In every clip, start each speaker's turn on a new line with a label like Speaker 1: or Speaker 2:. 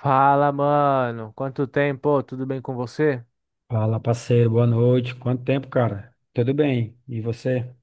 Speaker 1: Fala, mano. Quanto tempo? Tudo bem com você?
Speaker 2: Fala, parceiro, boa noite. Quanto tempo, cara? Tudo bem? E você?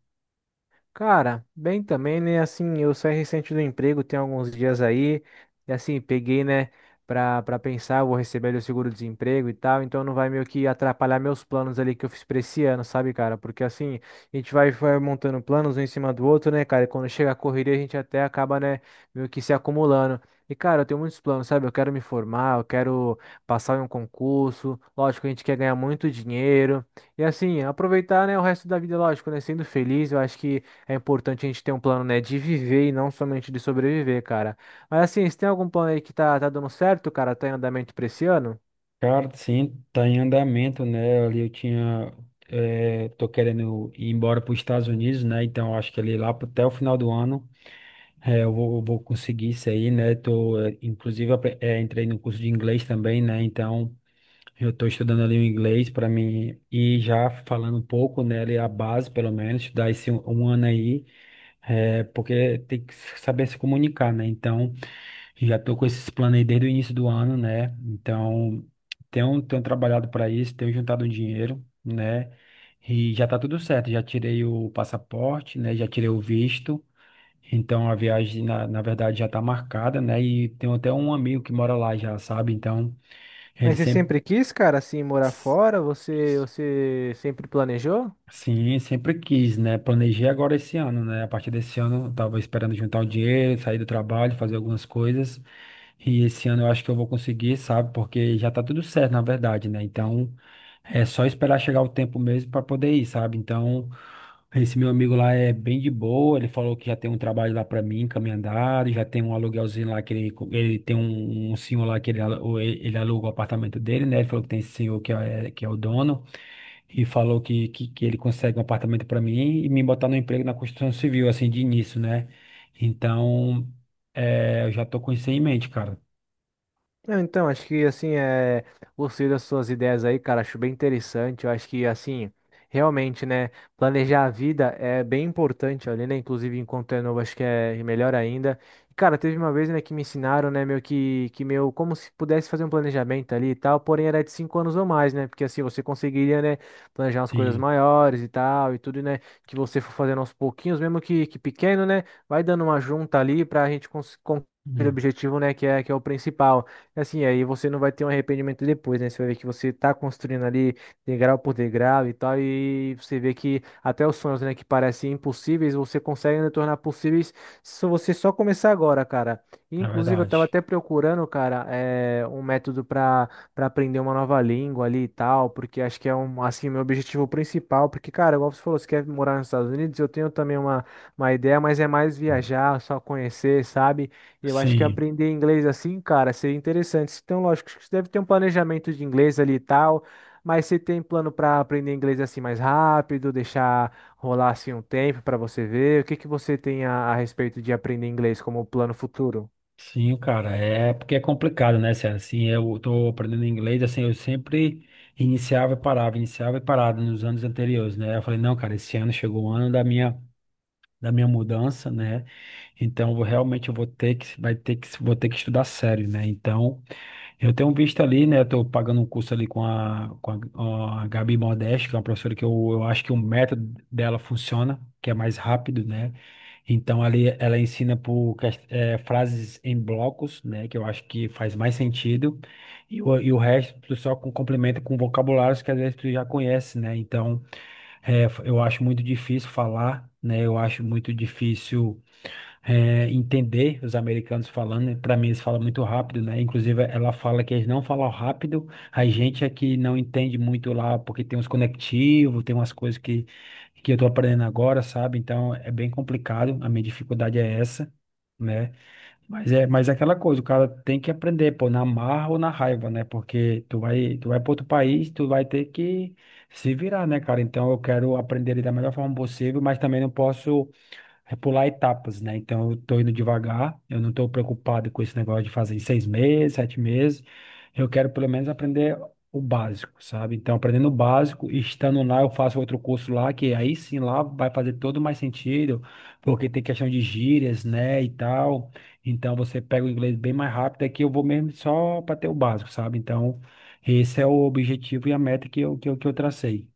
Speaker 1: Cara, bem também, né? Assim, eu saí recente do emprego, tem alguns dias aí, e assim, peguei, né, pra pensar, eu vou receber ali o seguro-desemprego e tal, então não vai meio que atrapalhar meus planos ali que eu fiz pra esse ano, sabe, cara? Porque assim, a gente vai montando planos um em cima do outro, né, cara? E quando chega a correria, a gente até acaba, né, meio que se acumulando. E, cara, eu tenho muitos planos, sabe? Eu quero me formar, eu quero passar em um concurso. Lógico, a gente quer ganhar muito dinheiro. E, assim, aproveitar, né, o resto da vida, lógico, né? Sendo feliz, eu acho que. É importante a gente ter um plano, né, de viver e não somente de sobreviver, cara. Mas assim, se tem algum plano aí que tá dando certo, cara? Tá em andamento pra esse ano?
Speaker 2: Cara, sim, tá em andamento, né? Ali eu tinha. Tô querendo ir embora para os Estados Unidos, né? Então eu acho que ali lá pro- até o final do ano eu vou conseguir isso aí, né? Tô, inclusive, entrei no curso de inglês também, né? Então eu tô estudando ali o inglês para mim ir já falando um pouco, né? Ali a base, pelo menos, estudar esse um ano aí. É, porque tem que saber se comunicar, né? Então, já tô com esses planos aí desde o início do ano, né? Então, tenho trabalhado para isso, tenho juntado um dinheiro, né? E já tá tudo certo, já tirei o passaporte, né? Já tirei o visto. Então, a viagem, na verdade, já tá marcada, né? E tenho até um amigo que mora lá já, sabe? Então, ele
Speaker 1: Mas você
Speaker 2: sempre.
Speaker 1: sempre quis, cara, assim, morar fora? Você sempre planejou?
Speaker 2: Sim, sempre quis, né? Planejei agora esse ano, né? A partir desse ano, eu tava esperando juntar o dinheiro, sair do trabalho, fazer algumas coisas. E esse ano eu acho que eu vou conseguir, sabe? Porque já tá tudo certo, na verdade, né? Então, é só esperar chegar o tempo mesmo para poder ir, sabe? Então, esse meu amigo lá é bem de boa, ele falou que já tem um trabalho lá para mim, caminhandado, já tem um aluguelzinho lá que ele tem um senhor lá que ele aluga o apartamento dele, né? Ele falou que tem esse senhor que é o dono e falou que ele consegue um apartamento para mim e me botar no emprego na construção civil, assim, de início, né? Então, é, eu já tô com isso em mente, cara.
Speaker 1: Não, então, acho que assim, é, gostei das suas ideias aí, cara, acho bem interessante. Eu acho que assim, realmente, né, planejar a vida é bem importante ali, né? Inclusive, enquanto é novo, acho que é melhor ainda. E, cara, teve uma vez, né, que me ensinaram, né, meu que meu, como se pudesse fazer um planejamento ali e tal, porém era de 5 anos ou mais, né? Porque assim você conseguiria, né, planejar umas coisas
Speaker 2: Sim,
Speaker 1: maiores e tal, e tudo, né, que você for fazendo aos pouquinhos, mesmo que pequeno, né, vai dando uma junta ali pra gente conseguir o
Speaker 2: hum,
Speaker 1: objetivo, né, que é o principal. Assim, aí você não vai ter um arrependimento depois, né? Você vai ver que você tá construindo ali degrau por degrau e tal, e você vê que até os sonhos, né, que parecem impossíveis, você consegue né, tornar possíveis se você só começar agora, cara. E,
Speaker 2: é
Speaker 1: inclusive, eu tava
Speaker 2: verdade.
Speaker 1: até procurando, cara, um método para aprender uma nova língua ali e tal, porque acho que é um, assim, meu objetivo principal, porque, cara, igual você falou, você quer morar nos Estados Unidos, eu tenho também uma ideia, mas é mais
Speaker 2: Hum.
Speaker 1: viajar, só conhecer, sabe? Eu acho que
Speaker 2: Sim,
Speaker 1: aprender inglês assim, cara, seria interessante. Então, lógico, que você deve ter um planejamento de inglês ali e tal, mas você tem plano para aprender inglês assim mais rápido, deixar rolar assim um tempo para você ver? O que que você tem a respeito de aprender inglês como plano futuro?
Speaker 2: sim, cara. É porque é complicado, né, Sérgio? Assim, eu tô aprendendo inglês, assim, eu sempre iniciava e parava nos anos anteriores, né? Eu falei, não, cara, esse ano chegou o ano da minha mudança, né? Então, realmente eu vou ter que, vai ter que, vou ter que estudar sério, né? Então, eu tenho um visto ali, né? Estou pagando um curso ali com a Gabi Modeste, que é uma professora que eu acho que o método dela funciona, que é mais rápido, né? Então ali ela ensina por frases em blocos, né? Que eu acho que faz mais sentido. E o resto tu só complementa com vocabulários que às vezes tu já conhece, né? Então eu acho muito difícil falar, né? Eu acho muito difícil entender os americanos falando, para mim eles falam muito rápido, né? Inclusive ela fala que eles não falam rápido, a gente aqui não entende muito lá, porque tem uns conectivos, tem umas coisas que eu tô aprendendo agora, sabe? Então é bem complicado, a minha dificuldade é essa, né? Mas é aquela coisa, o cara tem que aprender, pô, na marra ou na raiva, né? Porque tu vai para outro país, tu vai ter que se virar, né, cara? Então eu quero aprender ele da melhor forma possível, mas também não posso pular etapas, né? Então eu tô indo devagar, eu não tô preocupado com esse negócio de fazer em seis meses, sete meses. Eu quero pelo menos aprender o básico, sabe? Então, aprendendo o básico, e estando lá, eu faço outro curso lá, que aí sim lá vai fazer todo mais sentido, porque tem questão de gírias, né? E tal. Então você pega o inglês bem mais rápido, aqui eu vou mesmo só para ter o básico, sabe? Então, esse é o objetivo e a meta que que eu tracei.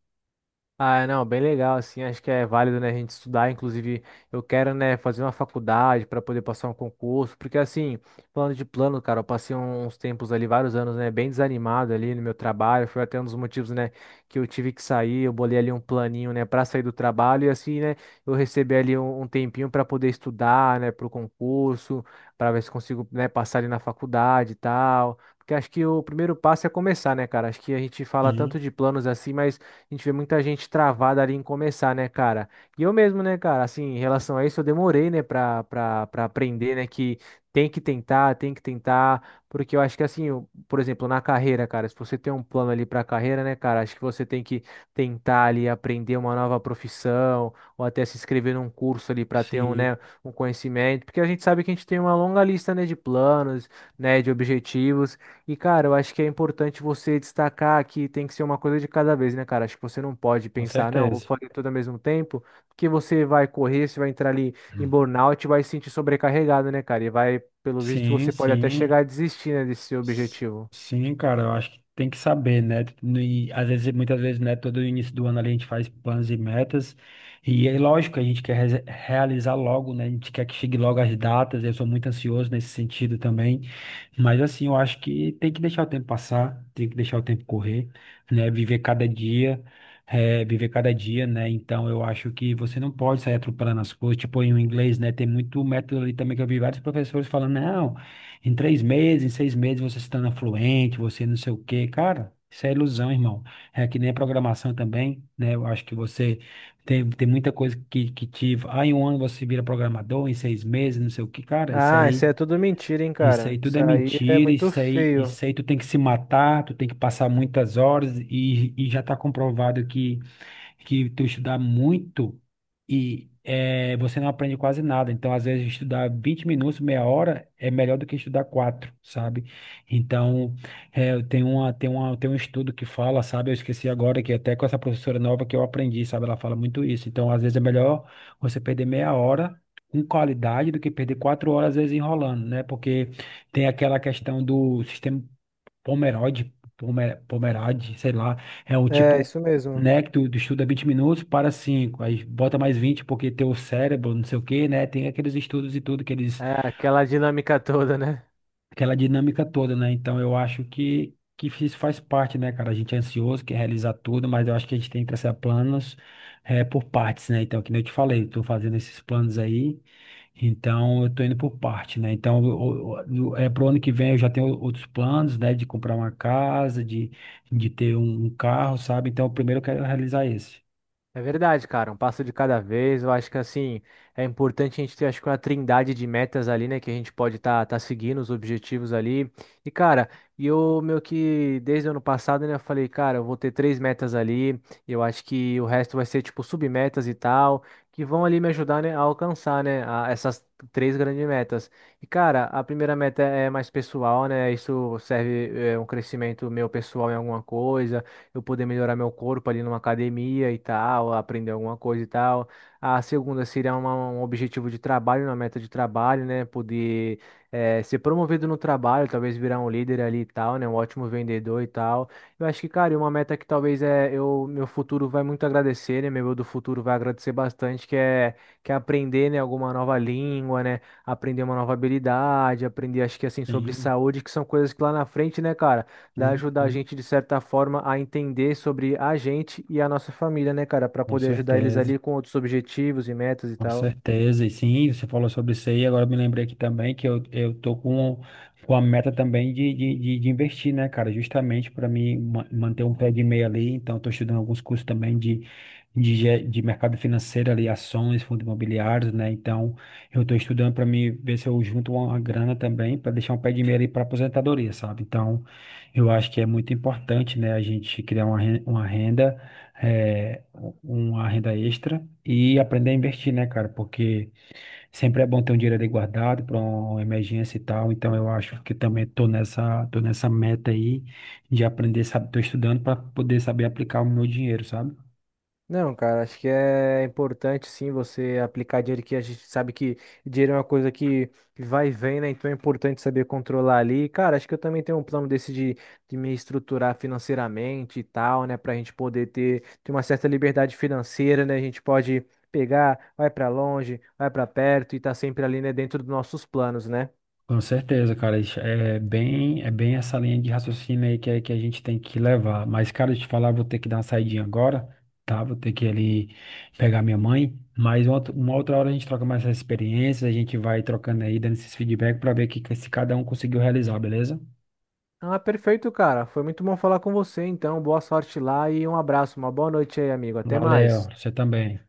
Speaker 1: Ah, não, bem legal, assim, acho que é válido, né, a gente estudar, inclusive eu quero, né, fazer uma faculdade para poder passar um concurso, porque assim, falando de plano, cara, eu passei um, uns tempos ali, vários anos, né, bem desanimado ali no meu trabalho, foi até um dos motivos, né, que eu tive que sair, eu bolei ali um planinho, né, para sair do trabalho e assim, né, eu recebi ali um, um tempinho para poder estudar, né, pro concurso, para ver se consigo, né, passar ali na faculdade e tal. Porque acho que o primeiro passo é começar, né, cara? Acho que a gente fala tanto
Speaker 2: Sim,
Speaker 1: de planos assim, mas a gente vê muita gente travada ali em começar, né, cara? E eu mesmo, né, cara, assim, em relação a isso, eu demorei, né, pra aprender, né, que tem que tentar, porque eu acho que, assim, por exemplo, na carreira, cara, se você tem um plano ali pra carreira, né, cara, acho que você tem que tentar ali aprender uma nova profissão, ou até se inscrever num curso ali pra ter um,
Speaker 2: sim,
Speaker 1: né, um conhecimento, porque a gente sabe que a gente tem uma longa lista, né, de planos, né, de objetivos. E, cara, eu acho que é importante você destacar que tem que ser uma coisa de cada vez, né, cara? Acho que você não pode
Speaker 2: com
Speaker 1: pensar, não, vou
Speaker 2: certeza.
Speaker 1: fazer tudo ao mesmo tempo, porque você vai correr, você vai entrar ali em
Speaker 2: Hum.
Speaker 1: burnout e vai se sentir sobrecarregado, né, cara? E vai, pelo visto,
Speaker 2: Sim,
Speaker 1: você pode até
Speaker 2: sim.
Speaker 1: chegar a desistir, né, desse seu
Speaker 2: S-
Speaker 1: objetivo.
Speaker 2: Sim, cara, eu acho que tem que saber, né? E às vezes, muitas vezes, né? Todo início do ano ali a gente faz planos e metas. E é lógico, a gente quer realizar logo, né? A gente quer que chegue logo as datas. Eu sou muito ansioso nesse sentido também. Mas assim, eu acho que tem que deixar o tempo passar, tem que deixar o tempo correr, né? Viver cada dia, viver cada dia, né? Então eu acho que você não pode sair atropelando as coisas, tipo em inglês, né? Tem muito método ali também que eu vi vários professores falando, não, em três meses, em seis meses você se torna fluente, você não sei o quê. Cara, isso é ilusão, irmão. É que nem a programação também, né? Eu acho que você tem muita coisa que te. Ah, em um ano você vira programador, em seis meses, não sei o quê. Cara, isso
Speaker 1: Ah, isso
Speaker 2: aí.
Speaker 1: é tudo mentira, hein, cara? Isso aí é muito feio.
Speaker 2: Isso aí tu tem que se matar, tu tem que passar muitas horas e já está comprovado que tu estudar muito e você não aprende quase nada. Então, às vezes, estudar 20 minutos, meia hora, é melhor do que estudar quatro, sabe? Então, eu tem um estudo que fala, sabe? Eu esqueci agora, que até com essa professora nova que eu aprendi, sabe? Ela fala muito isso. Então, às vezes, é melhor você perder meia hora com qualidade do que perder quatro horas, às vezes, enrolando, né? Porque tem aquela questão do sistema Pomerade, sei lá, é o
Speaker 1: É,
Speaker 2: tipo,
Speaker 1: isso mesmo.
Speaker 2: né, que tu estuda 20 minutos, para 5, aí bota mais 20 porque teu cérebro, não sei o quê, né, tem aqueles estudos e tudo que eles
Speaker 1: É, aquela dinâmica toda, né?
Speaker 2: aquela dinâmica toda, né? Então eu acho que isso faz parte, né, cara? A gente é ansioso, quer realizar tudo, mas eu acho que a gente tem que traçar planos por partes, né? Então, que nem eu te falei, eu tô fazendo esses planos aí, então eu tô indo por parte, né? Então, pro ano que vem eu já tenho outros planos, né? De comprar uma casa, de ter um carro, sabe? Então, primeiro eu quero realizar esse.
Speaker 1: É verdade, cara, um passo de cada vez. Eu acho que assim é importante a gente ter, acho que uma trindade de metas ali, né, que a gente pode estar tá seguindo os objetivos ali. E cara, e eu meu que desde o ano passado, né, eu falei, cara, eu vou ter 3 metas ali. E eu acho que o resto vai ser tipo submetas e tal, que vão ali me ajudar, né, a alcançar, né, a- essas 3 grandes metas. E cara, a primeira meta é mais pessoal, né? Isso serve é, um crescimento meu pessoal em alguma coisa eu poder melhorar meu corpo ali numa academia e tal, aprender alguma coisa e tal. A segunda seria uma- um objetivo de trabalho, uma meta de trabalho, né? Poder ser promovido no trabalho, talvez virar um líder ali e tal, né? Um ótimo vendedor e tal. Eu acho que, cara, e uma meta que talvez é eu, meu futuro vai muito agradecer, né? Meu eu do futuro vai agradecer bastante, que é aprender, né, alguma nova língua, né? Aprender uma nova habilidade, aprender, acho que assim, sobre
Speaker 2: Sim,
Speaker 1: saúde, que são coisas que lá na frente, né, cara?
Speaker 2: sim,
Speaker 1: Vai ajudar a
Speaker 2: sim,
Speaker 1: gente, de certa forma, a entender sobre a gente e a nossa família, né, cara? Para
Speaker 2: com
Speaker 1: poder ajudar eles
Speaker 2: certeza.
Speaker 1: ali com outros objetivos e metas e
Speaker 2: Com
Speaker 1: tal.
Speaker 2: certeza, e sim, você falou sobre isso aí, agora eu me lembrei aqui também que eu tô com a meta também de investir, né, cara, justamente para mim manter um pé de meia ali, então eu tô estudando alguns cursos também de mercado financeiro ali, ações, fundos imobiliários, né, então eu tô estudando para mim ver se eu junto uma grana também para deixar um pé de meia ali para aposentadoria, sabe, então eu acho que é muito importante, né, a gente criar uma uma renda é, uma renda extra e aprender a investir, né, cara? Porque sempre é bom ter um dinheiro ali guardado para uma emergência e tal. Então eu acho que também tô nessa meta aí de aprender, sabe? Tô estudando para poder saber aplicar o meu dinheiro, sabe?
Speaker 1: Não, cara, acho que é importante sim você aplicar dinheiro que a gente sabe que dinheiro é uma coisa que vai e vem, né? Então é importante saber controlar ali. Cara, acho que eu também tenho um plano desse de me estruturar financeiramente e tal, né? Pra gente poder ter uma certa liberdade financeira, né? A gente pode pegar, vai pra longe, vai pra perto e tá sempre ali, né, dentro dos nossos planos, né?
Speaker 2: Com certeza, cara, é bem essa linha de raciocínio aí que a gente tem que levar. Mas, cara, eu te falar, vou ter que dar uma saidinha agora, tá? Vou ter que ir ali pegar minha mãe. Mas uma outra hora a gente troca mais essas experiências, a gente vai trocando aí, dando esses feedback pra ver que se cada um conseguiu realizar, beleza?
Speaker 1: Ah, perfeito, cara. Foi muito bom falar com você, então. Boa sorte lá e um abraço, uma boa noite aí, amigo. Até
Speaker 2: Valeu,
Speaker 1: mais.
Speaker 2: você também.